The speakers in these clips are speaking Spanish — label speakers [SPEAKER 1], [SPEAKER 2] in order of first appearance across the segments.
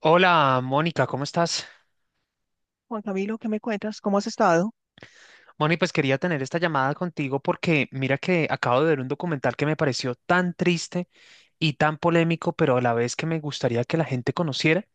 [SPEAKER 1] Hola, Mónica, ¿cómo estás?
[SPEAKER 2] Juan Camilo, ¿qué me cuentas? ¿Cómo has estado?
[SPEAKER 1] Mónica, pues quería tener esta llamada contigo porque mira que acabo de ver un documental que me pareció tan triste y tan polémico, pero a la vez que me gustaría que la gente conociera,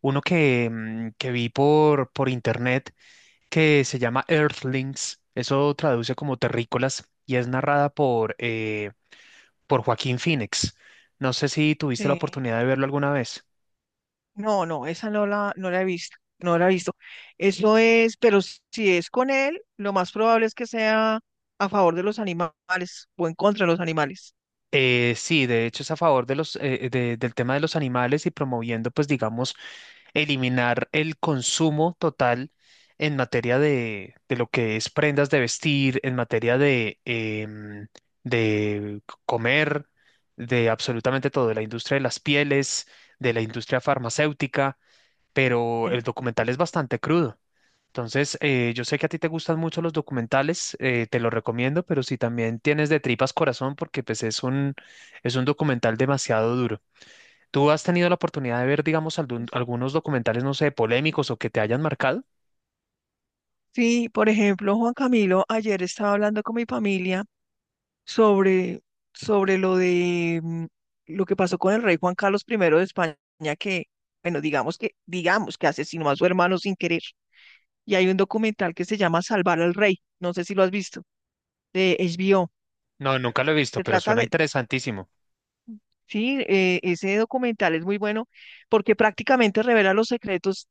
[SPEAKER 1] uno que que vi por internet que se llama Earthlings, eso traduce como terrícolas y es narrada por por Joaquín Phoenix. No sé si tuviste la
[SPEAKER 2] Sí.
[SPEAKER 1] oportunidad de verlo alguna vez.
[SPEAKER 2] No, no, esa no la he visto, no la he visto. Eso es, pero si es con él, lo más probable es que sea a favor de los animales o en contra de los animales.
[SPEAKER 1] Sí, de hecho es a favor de del tema de los animales y promoviendo, pues digamos, eliminar el consumo total en materia de lo que es prendas de vestir, en materia de de comer, de absolutamente todo, de la industria de las pieles, de la industria farmacéutica, pero el
[SPEAKER 2] Eh,
[SPEAKER 1] documental es bastante crudo. Entonces, yo sé que a ti te gustan mucho los documentales, te lo recomiendo, pero si también tienes de tripas corazón, porque pues es un documental demasiado duro. ¿Tú has tenido la oportunidad de ver, digamos,
[SPEAKER 2] es-
[SPEAKER 1] algunos documentales, no sé, polémicos o que te hayan marcado?
[SPEAKER 2] Sí, por ejemplo, Juan Camilo, ayer estaba hablando con mi familia sobre, sobre lo de lo que pasó con el rey Juan Carlos primero de España, que, bueno, digamos que asesinó a su hermano sin querer. Y hay un documental que se llama Salvar al Rey, no sé si lo has visto, de HBO.
[SPEAKER 1] No, nunca lo he visto,
[SPEAKER 2] Se
[SPEAKER 1] pero
[SPEAKER 2] trata
[SPEAKER 1] suena
[SPEAKER 2] de,
[SPEAKER 1] interesantísimo.
[SPEAKER 2] sí, ese documental es muy bueno porque prácticamente revela los secretos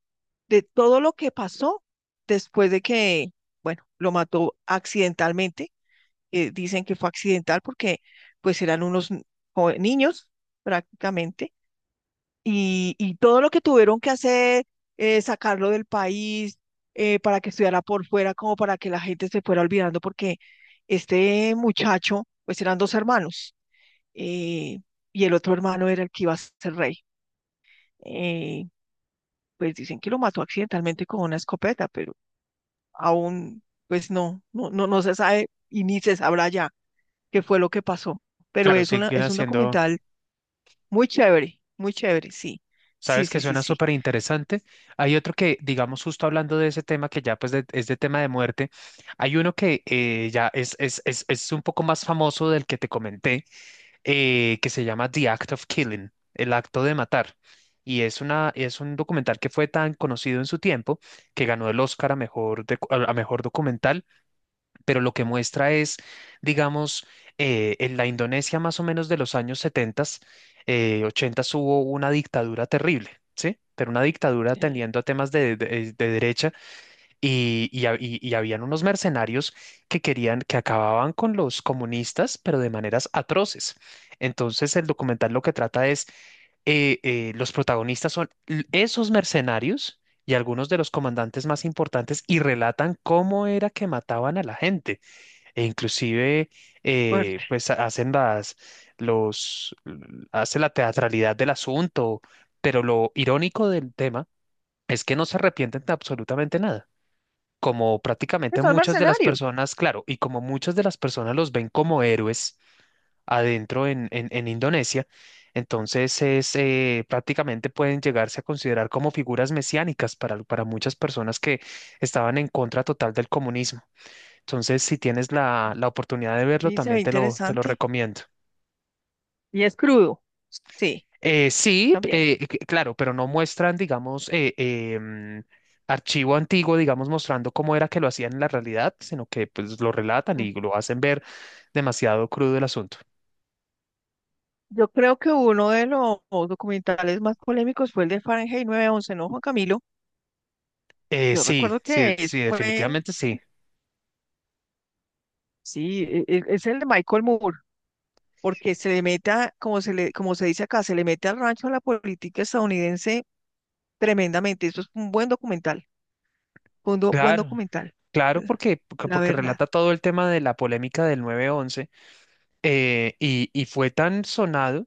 [SPEAKER 2] de todo lo que pasó después de que, bueno, lo mató accidentalmente. Dicen que fue accidental porque pues eran unos niños prácticamente, y todo lo que tuvieron que hacer, sacarlo del país, para que estudiara por fuera, como para que la gente se fuera olvidando, porque este muchacho, pues eran dos hermanos, eh, y el otro hermano era el que iba a ser rey. Eh, pues dicen que lo mató accidentalmente con una escopeta, pero aún, pues no, no, no, no se sabe y ni se sabrá ya qué fue lo que pasó. Pero
[SPEAKER 1] Claro, siguen
[SPEAKER 2] es un
[SPEAKER 1] haciendo.
[SPEAKER 2] documental muy chévere, muy chévere, sí. Sí,
[SPEAKER 1] Sabes que
[SPEAKER 2] sí, sí,
[SPEAKER 1] suena
[SPEAKER 2] sí.
[SPEAKER 1] súper interesante. Hay otro que, digamos, justo hablando de ese tema que ya es de tema de muerte, hay uno que ya es un poco más famoso del que te comenté, que se llama The Act of Killing, el acto de matar. Y es un documental que fue tan conocido en su tiempo que ganó el Oscar a a mejor documental, pero lo que muestra es, digamos, en la Indonesia más o menos de los años 70, 80 hubo una dictadura terrible, ¿sí? Pero una dictadura
[SPEAKER 2] Sí,
[SPEAKER 1] tendiendo a temas de derecha y habían unos mercenarios que querían, que acababan con los comunistas, pero de maneras atroces. Entonces el documental lo que trata es, los protagonistas son esos mercenarios y algunos de los comandantes más importantes y relatan cómo era que mataban a la gente. E inclusive,
[SPEAKER 2] fuerte.
[SPEAKER 1] hacen los, hace la teatralidad del asunto, pero lo irónico del tema es que no se arrepienten de absolutamente nada. Como prácticamente
[SPEAKER 2] Es un
[SPEAKER 1] muchas de las
[SPEAKER 2] mercenario.
[SPEAKER 1] personas, claro, y como muchas de las personas los ven como héroes adentro en Indonesia, entonces es, prácticamente pueden llegarse a considerar como figuras mesiánicas para muchas personas que estaban en contra total del comunismo. Entonces, si tienes la oportunidad de verlo,
[SPEAKER 2] Sí, se ve
[SPEAKER 1] también te lo
[SPEAKER 2] interesante.
[SPEAKER 1] recomiendo.
[SPEAKER 2] Y es crudo. Sí, también.
[SPEAKER 1] Claro, pero no muestran, digamos, archivo antiguo, digamos, mostrando cómo era que lo hacían en la realidad, sino que pues lo relatan
[SPEAKER 2] Mm.
[SPEAKER 1] y lo hacen ver demasiado crudo el asunto.
[SPEAKER 2] Yo creo que uno de los documentales más polémicos fue el de Fahrenheit nueve once, ¿no, Juan Camilo? Yo
[SPEAKER 1] Sí,
[SPEAKER 2] recuerdo
[SPEAKER 1] sí,
[SPEAKER 2] que
[SPEAKER 1] sí,
[SPEAKER 2] fue,
[SPEAKER 1] definitivamente sí.
[SPEAKER 2] sí, es el de Michael Moore, porque se le meta, como se dice acá, se le mete al rancho a la política estadounidense. Tremendamente, eso es un buen documental, buen
[SPEAKER 1] Claro,
[SPEAKER 2] documental,
[SPEAKER 1] claro,
[SPEAKER 2] la
[SPEAKER 1] porque, porque
[SPEAKER 2] la
[SPEAKER 1] porque
[SPEAKER 2] verdad.
[SPEAKER 1] relata todo el tema de la polémica del 9-11. Y fue tan sonado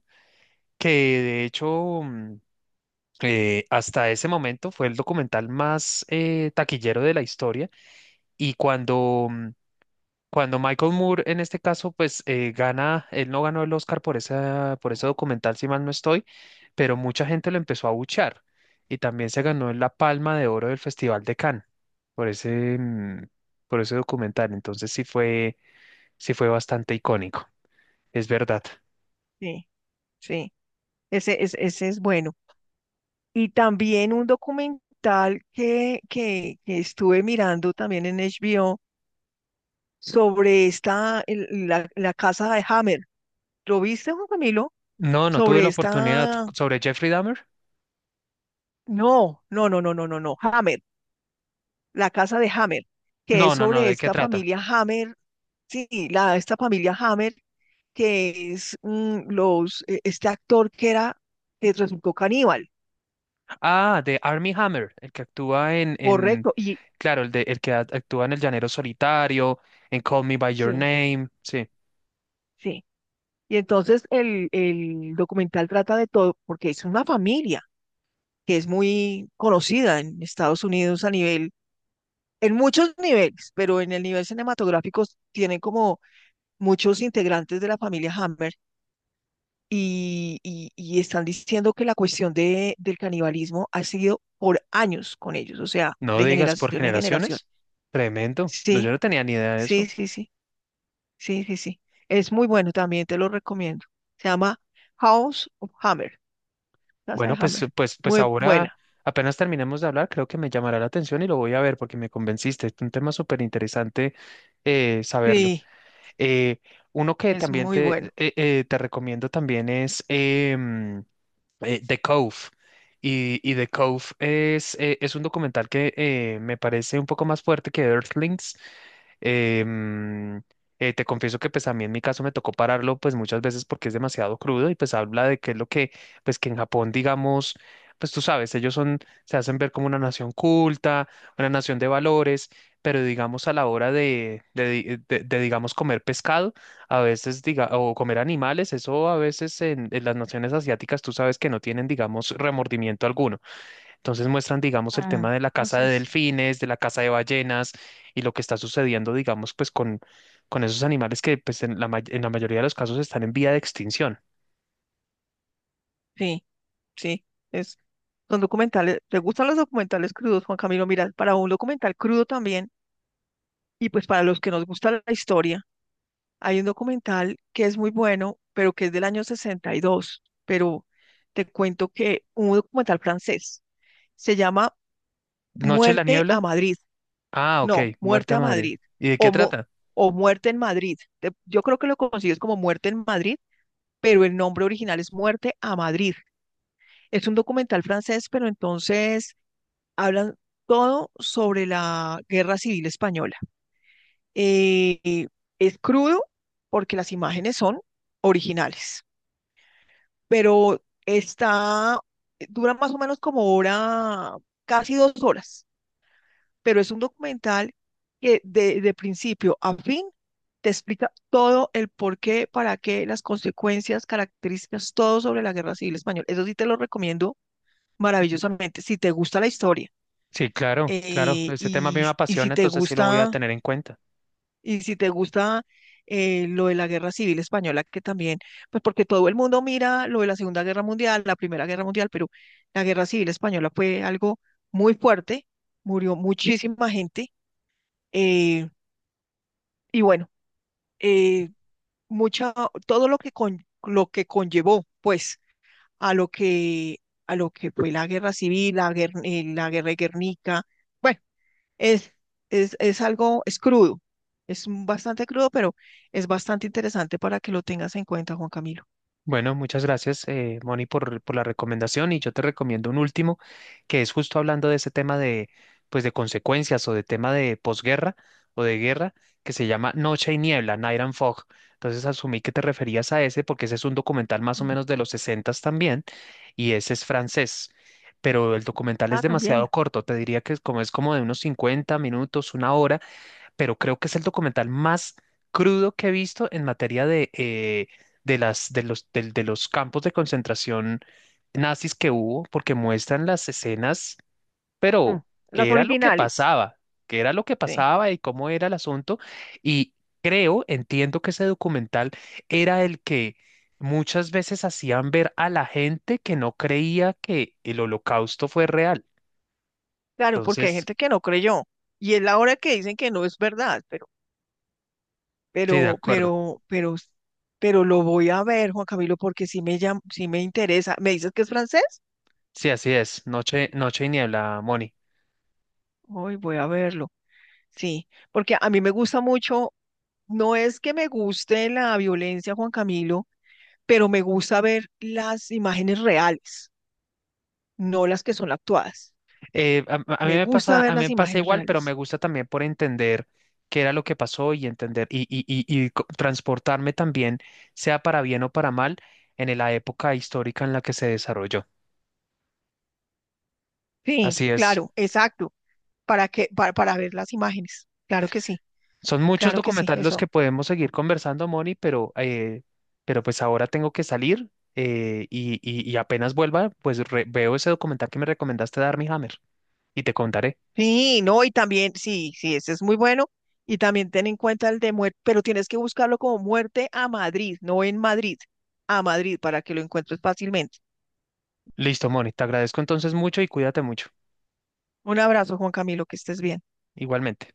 [SPEAKER 1] que de hecho, hasta ese momento fue el documental más taquillero de la historia y cuando Michael Moore en este caso pues gana, él no ganó el Oscar por por ese documental si mal no estoy, pero mucha gente lo empezó a abuchear y también se ganó la Palma de Oro del Festival de Cannes por mm, por ese documental, entonces sí fue bastante icónico, es verdad.
[SPEAKER 2] Sí, sí, ese es bueno. Y también un documental que estuve mirando también en HBO sobre la casa de Hammer. ¿Lo viste, Juan Camilo?
[SPEAKER 1] No, no tuve
[SPEAKER 2] Sobre
[SPEAKER 1] la oportunidad
[SPEAKER 2] esta,
[SPEAKER 1] sobre Jeffrey Dahmer.
[SPEAKER 2] no, no, no, no, no, no, no, Hammer, la casa de Hammer, que
[SPEAKER 1] No,
[SPEAKER 2] es
[SPEAKER 1] no, no,
[SPEAKER 2] sobre
[SPEAKER 1] ¿de qué
[SPEAKER 2] esta
[SPEAKER 1] trata?
[SPEAKER 2] familia Hammer, sí, esta familia Hammer, que es este actor que era, que resultó caníbal,
[SPEAKER 1] Ah, de Armie Hammer, el que actúa
[SPEAKER 2] correcto, y.
[SPEAKER 1] claro, el de, el que actúa en El Llanero Solitario, en Call Me by Your
[SPEAKER 2] Sí.
[SPEAKER 1] Name, sí.
[SPEAKER 2] Sí, y entonces el documental trata de todo, porque es una familia que es muy conocida en Estados Unidos a nivel, en muchos niveles, pero en el nivel cinematográfico tienen como muchos integrantes de la familia Hammer y están diciendo que la cuestión del canibalismo ha sido por años con ellos, o sea,
[SPEAKER 1] No
[SPEAKER 2] de
[SPEAKER 1] digas por
[SPEAKER 2] generación en generación.
[SPEAKER 1] generaciones. Tremendo. No, yo
[SPEAKER 2] Sí.
[SPEAKER 1] no tenía ni idea de
[SPEAKER 2] Sí,
[SPEAKER 1] eso.
[SPEAKER 2] sí, sí, sí, sí, sí. Es muy bueno, también te lo recomiendo. Se llama House of Hammer, Casa de
[SPEAKER 1] Bueno, pues,
[SPEAKER 2] Hammer.
[SPEAKER 1] pues, pues
[SPEAKER 2] Muy
[SPEAKER 1] ahora
[SPEAKER 2] buena.
[SPEAKER 1] apenas terminemos de hablar, creo que me llamará la atención y lo voy a ver porque me convenciste. Es un tema súper interesante saberlo.
[SPEAKER 2] Sí,
[SPEAKER 1] Eh, uno que
[SPEAKER 2] es
[SPEAKER 1] también
[SPEAKER 2] muy bueno.
[SPEAKER 1] te recomiendo también es The Cove. Y The Cove es un documental que me parece un poco más fuerte que Earthlings. Em, te confieso que pues a mí en mi caso me tocó pararlo pues muchas veces porque es demasiado crudo y pues habla de qué es lo que pues que en Japón digamos pues tú sabes ellos son se hacen ver como una nación culta, una nación de valores, pero digamos a la hora de digamos comer pescado a veces, diga, o comer animales, eso a veces en las naciones asiáticas tú sabes que no tienen, digamos, remordimiento alguno. Entonces muestran, digamos, el
[SPEAKER 2] Ah,
[SPEAKER 1] tema de la caza
[SPEAKER 2] así
[SPEAKER 1] de
[SPEAKER 2] es.
[SPEAKER 1] delfines, de la caza de ballenas y lo que está sucediendo, digamos, con esos animales que pues en en la mayoría de los casos están en vía de extinción.
[SPEAKER 2] Sí, sí, es. Son documentales. ¿Te gustan los documentales crudos, Juan Camilo? Mira, para un documental crudo también, y pues para los que nos gusta la historia, hay un documental que es muy bueno, pero que es del año 62. Pero te cuento que un documental francés se llama
[SPEAKER 1] ¿Noche en la
[SPEAKER 2] Muerte a
[SPEAKER 1] niebla?
[SPEAKER 2] Madrid.
[SPEAKER 1] Ah, ok,
[SPEAKER 2] No,
[SPEAKER 1] Muerte
[SPEAKER 2] muerte
[SPEAKER 1] a
[SPEAKER 2] a
[SPEAKER 1] Madre.
[SPEAKER 2] Madrid,
[SPEAKER 1] ¿Y de qué
[SPEAKER 2] o
[SPEAKER 1] trata?
[SPEAKER 2] o muerte en Madrid. Yo creo que lo consigues como muerte en Madrid, pero el nombre original es Muerte a Madrid. Es un documental francés, pero entonces hablan todo sobre la Guerra Civil Española. Eh, eh, es crudo porque las imágenes son originales, pero está, dura más o menos como hora, casi dos horas. Pero es un documental que de principio a fin te explica todo el por qué, para qué, las consecuencias, características, todo sobre la Guerra Civil Española. Eso sí te lo recomiendo maravillosamente, si te gusta la historia.
[SPEAKER 1] Sí, claro, claro.
[SPEAKER 2] eh,
[SPEAKER 1] Ese tema a mí me
[SPEAKER 2] y, y si
[SPEAKER 1] apasiona,
[SPEAKER 2] te
[SPEAKER 1] entonces sí lo voy a
[SPEAKER 2] gusta,
[SPEAKER 1] tener en cuenta.
[SPEAKER 2] y si te gusta, lo de la Guerra Civil Española, que también, pues porque todo el mundo mira lo de la Segunda Guerra Mundial, la Primera Guerra Mundial, pero la Guerra Civil Española fue algo muy fuerte, murió muchísima gente. eh, Y bueno, eh, mucha, todo lo que, lo que conllevó, pues, a lo que, a lo que fue la guerra civil, la guerra de Guernica, bueno, es, es algo, es crudo, bastante crudo, pero es bastante interesante para que lo tengas en cuenta, Juan Camilo.
[SPEAKER 1] Bueno, muchas gracias, Moni, por la recomendación y yo te recomiendo un último que es justo hablando de ese tema de, pues, de consecuencias o de tema de posguerra o de guerra que se llama Noche y Niebla, Night and Fog. Entonces asumí que te referías a ese porque ese es un documental más o
[SPEAKER 2] Mm.
[SPEAKER 1] menos de los 60 también y ese es francés. Pero el documental es
[SPEAKER 2] Ah, también.
[SPEAKER 1] demasiado corto, te diría que es como de unos 50 minutos, una hora, pero creo que es el documental más crudo que he visto en materia de las, de los, del- de los campos de concentración nazis que hubo, porque muestran las escenas, pero
[SPEAKER 2] Mm, Las
[SPEAKER 1] qué era lo que
[SPEAKER 2] originales.
[SPEAKER 1] pasaba, qué era lo que
[SPEAKER 2] Sí,
[SPEAKER 1] pasaba y cómo era el asunto. Y creo, entiendo que ese documental era el que muchas veces hacían ver a la gente que no creía que el holocausto fue real.
[SPEAKER 2] claro, porque hay
[SPEAKER 1] Entonces,
[SPEAKER 2] gente que no creyó, y es la hora que dicen que no es verdad,
[SPEAKER 1] sí, de
[SPEAKER 2] pero,
[SPEAKER 1] acuerdo.
[SPEAKER 2] pero, pero, pero lo voy a ver, Juan Camilo, porque sí sí me interesa. ¿Me dices que es francés?
[SPEAKER 1] Sí, así es. Noche y niebla, Moni.
[SPEAKER 2] Hoy voy a verlo. Sí, porque a mí me gusta mucho, no es que me guste la violencia, Juan Camilo, pero me gusta ver las imágenes reales, no las que son actuadas.
[SPEAKER 1] A mí
[SPEAKER 2] Me
[SPEAKER 1] me
[SPEAKER 2] gusta
[SPEAKER 1] pasa, a
[SPEAKER 2] ver
[SPEAKER 1] mí
[SPEAKER 2] las
[SPEAKER 1] me pasa
[SPEAKER 2] imágenes
[SPEAKER 1] igual, pero me
[SPEAKER 2] reales.
[SPEAKER 1] gusta también por entender qué era lo que pasó y entender y transportarme también, sea para bien o para mal, en la época histórica en la que se desarrolló.
[SPEAKER 2] Sí,
[SPEAKER 1] Así es.
[SPEAKER 2] claro, exacto, para ver las imágenes.
[SPEAKER 1] Son muchos
[SPEAKER 2] Claro que sí,
[SPEAKER 1] documentales los
[SPEAKER 2] eso.
[SPEAKER 1] que podemos seguir conversando, Moni, pero pues ahora tengo que salir y apenas vuelva, veo ese documental que me recomendaste de Armie Hammer y te contaré.
[SPEAKER 2] Sí, no, y también, sí, sí, ese es muy bueno. Y también ten en cuenta el de muerte, pero tienes que buscarlo como muerte a Madrid, no en Madrid, a Madrid, para que lo encuentres fácilmente.
[SPEAKER 1] Listo, Moni, te agradezco entonces mucho y cuídate mucho.
[SPEAKER 2] Un abrazo, Juan Camilo, que estés bien.
[SPEAKER 1] Igualmente.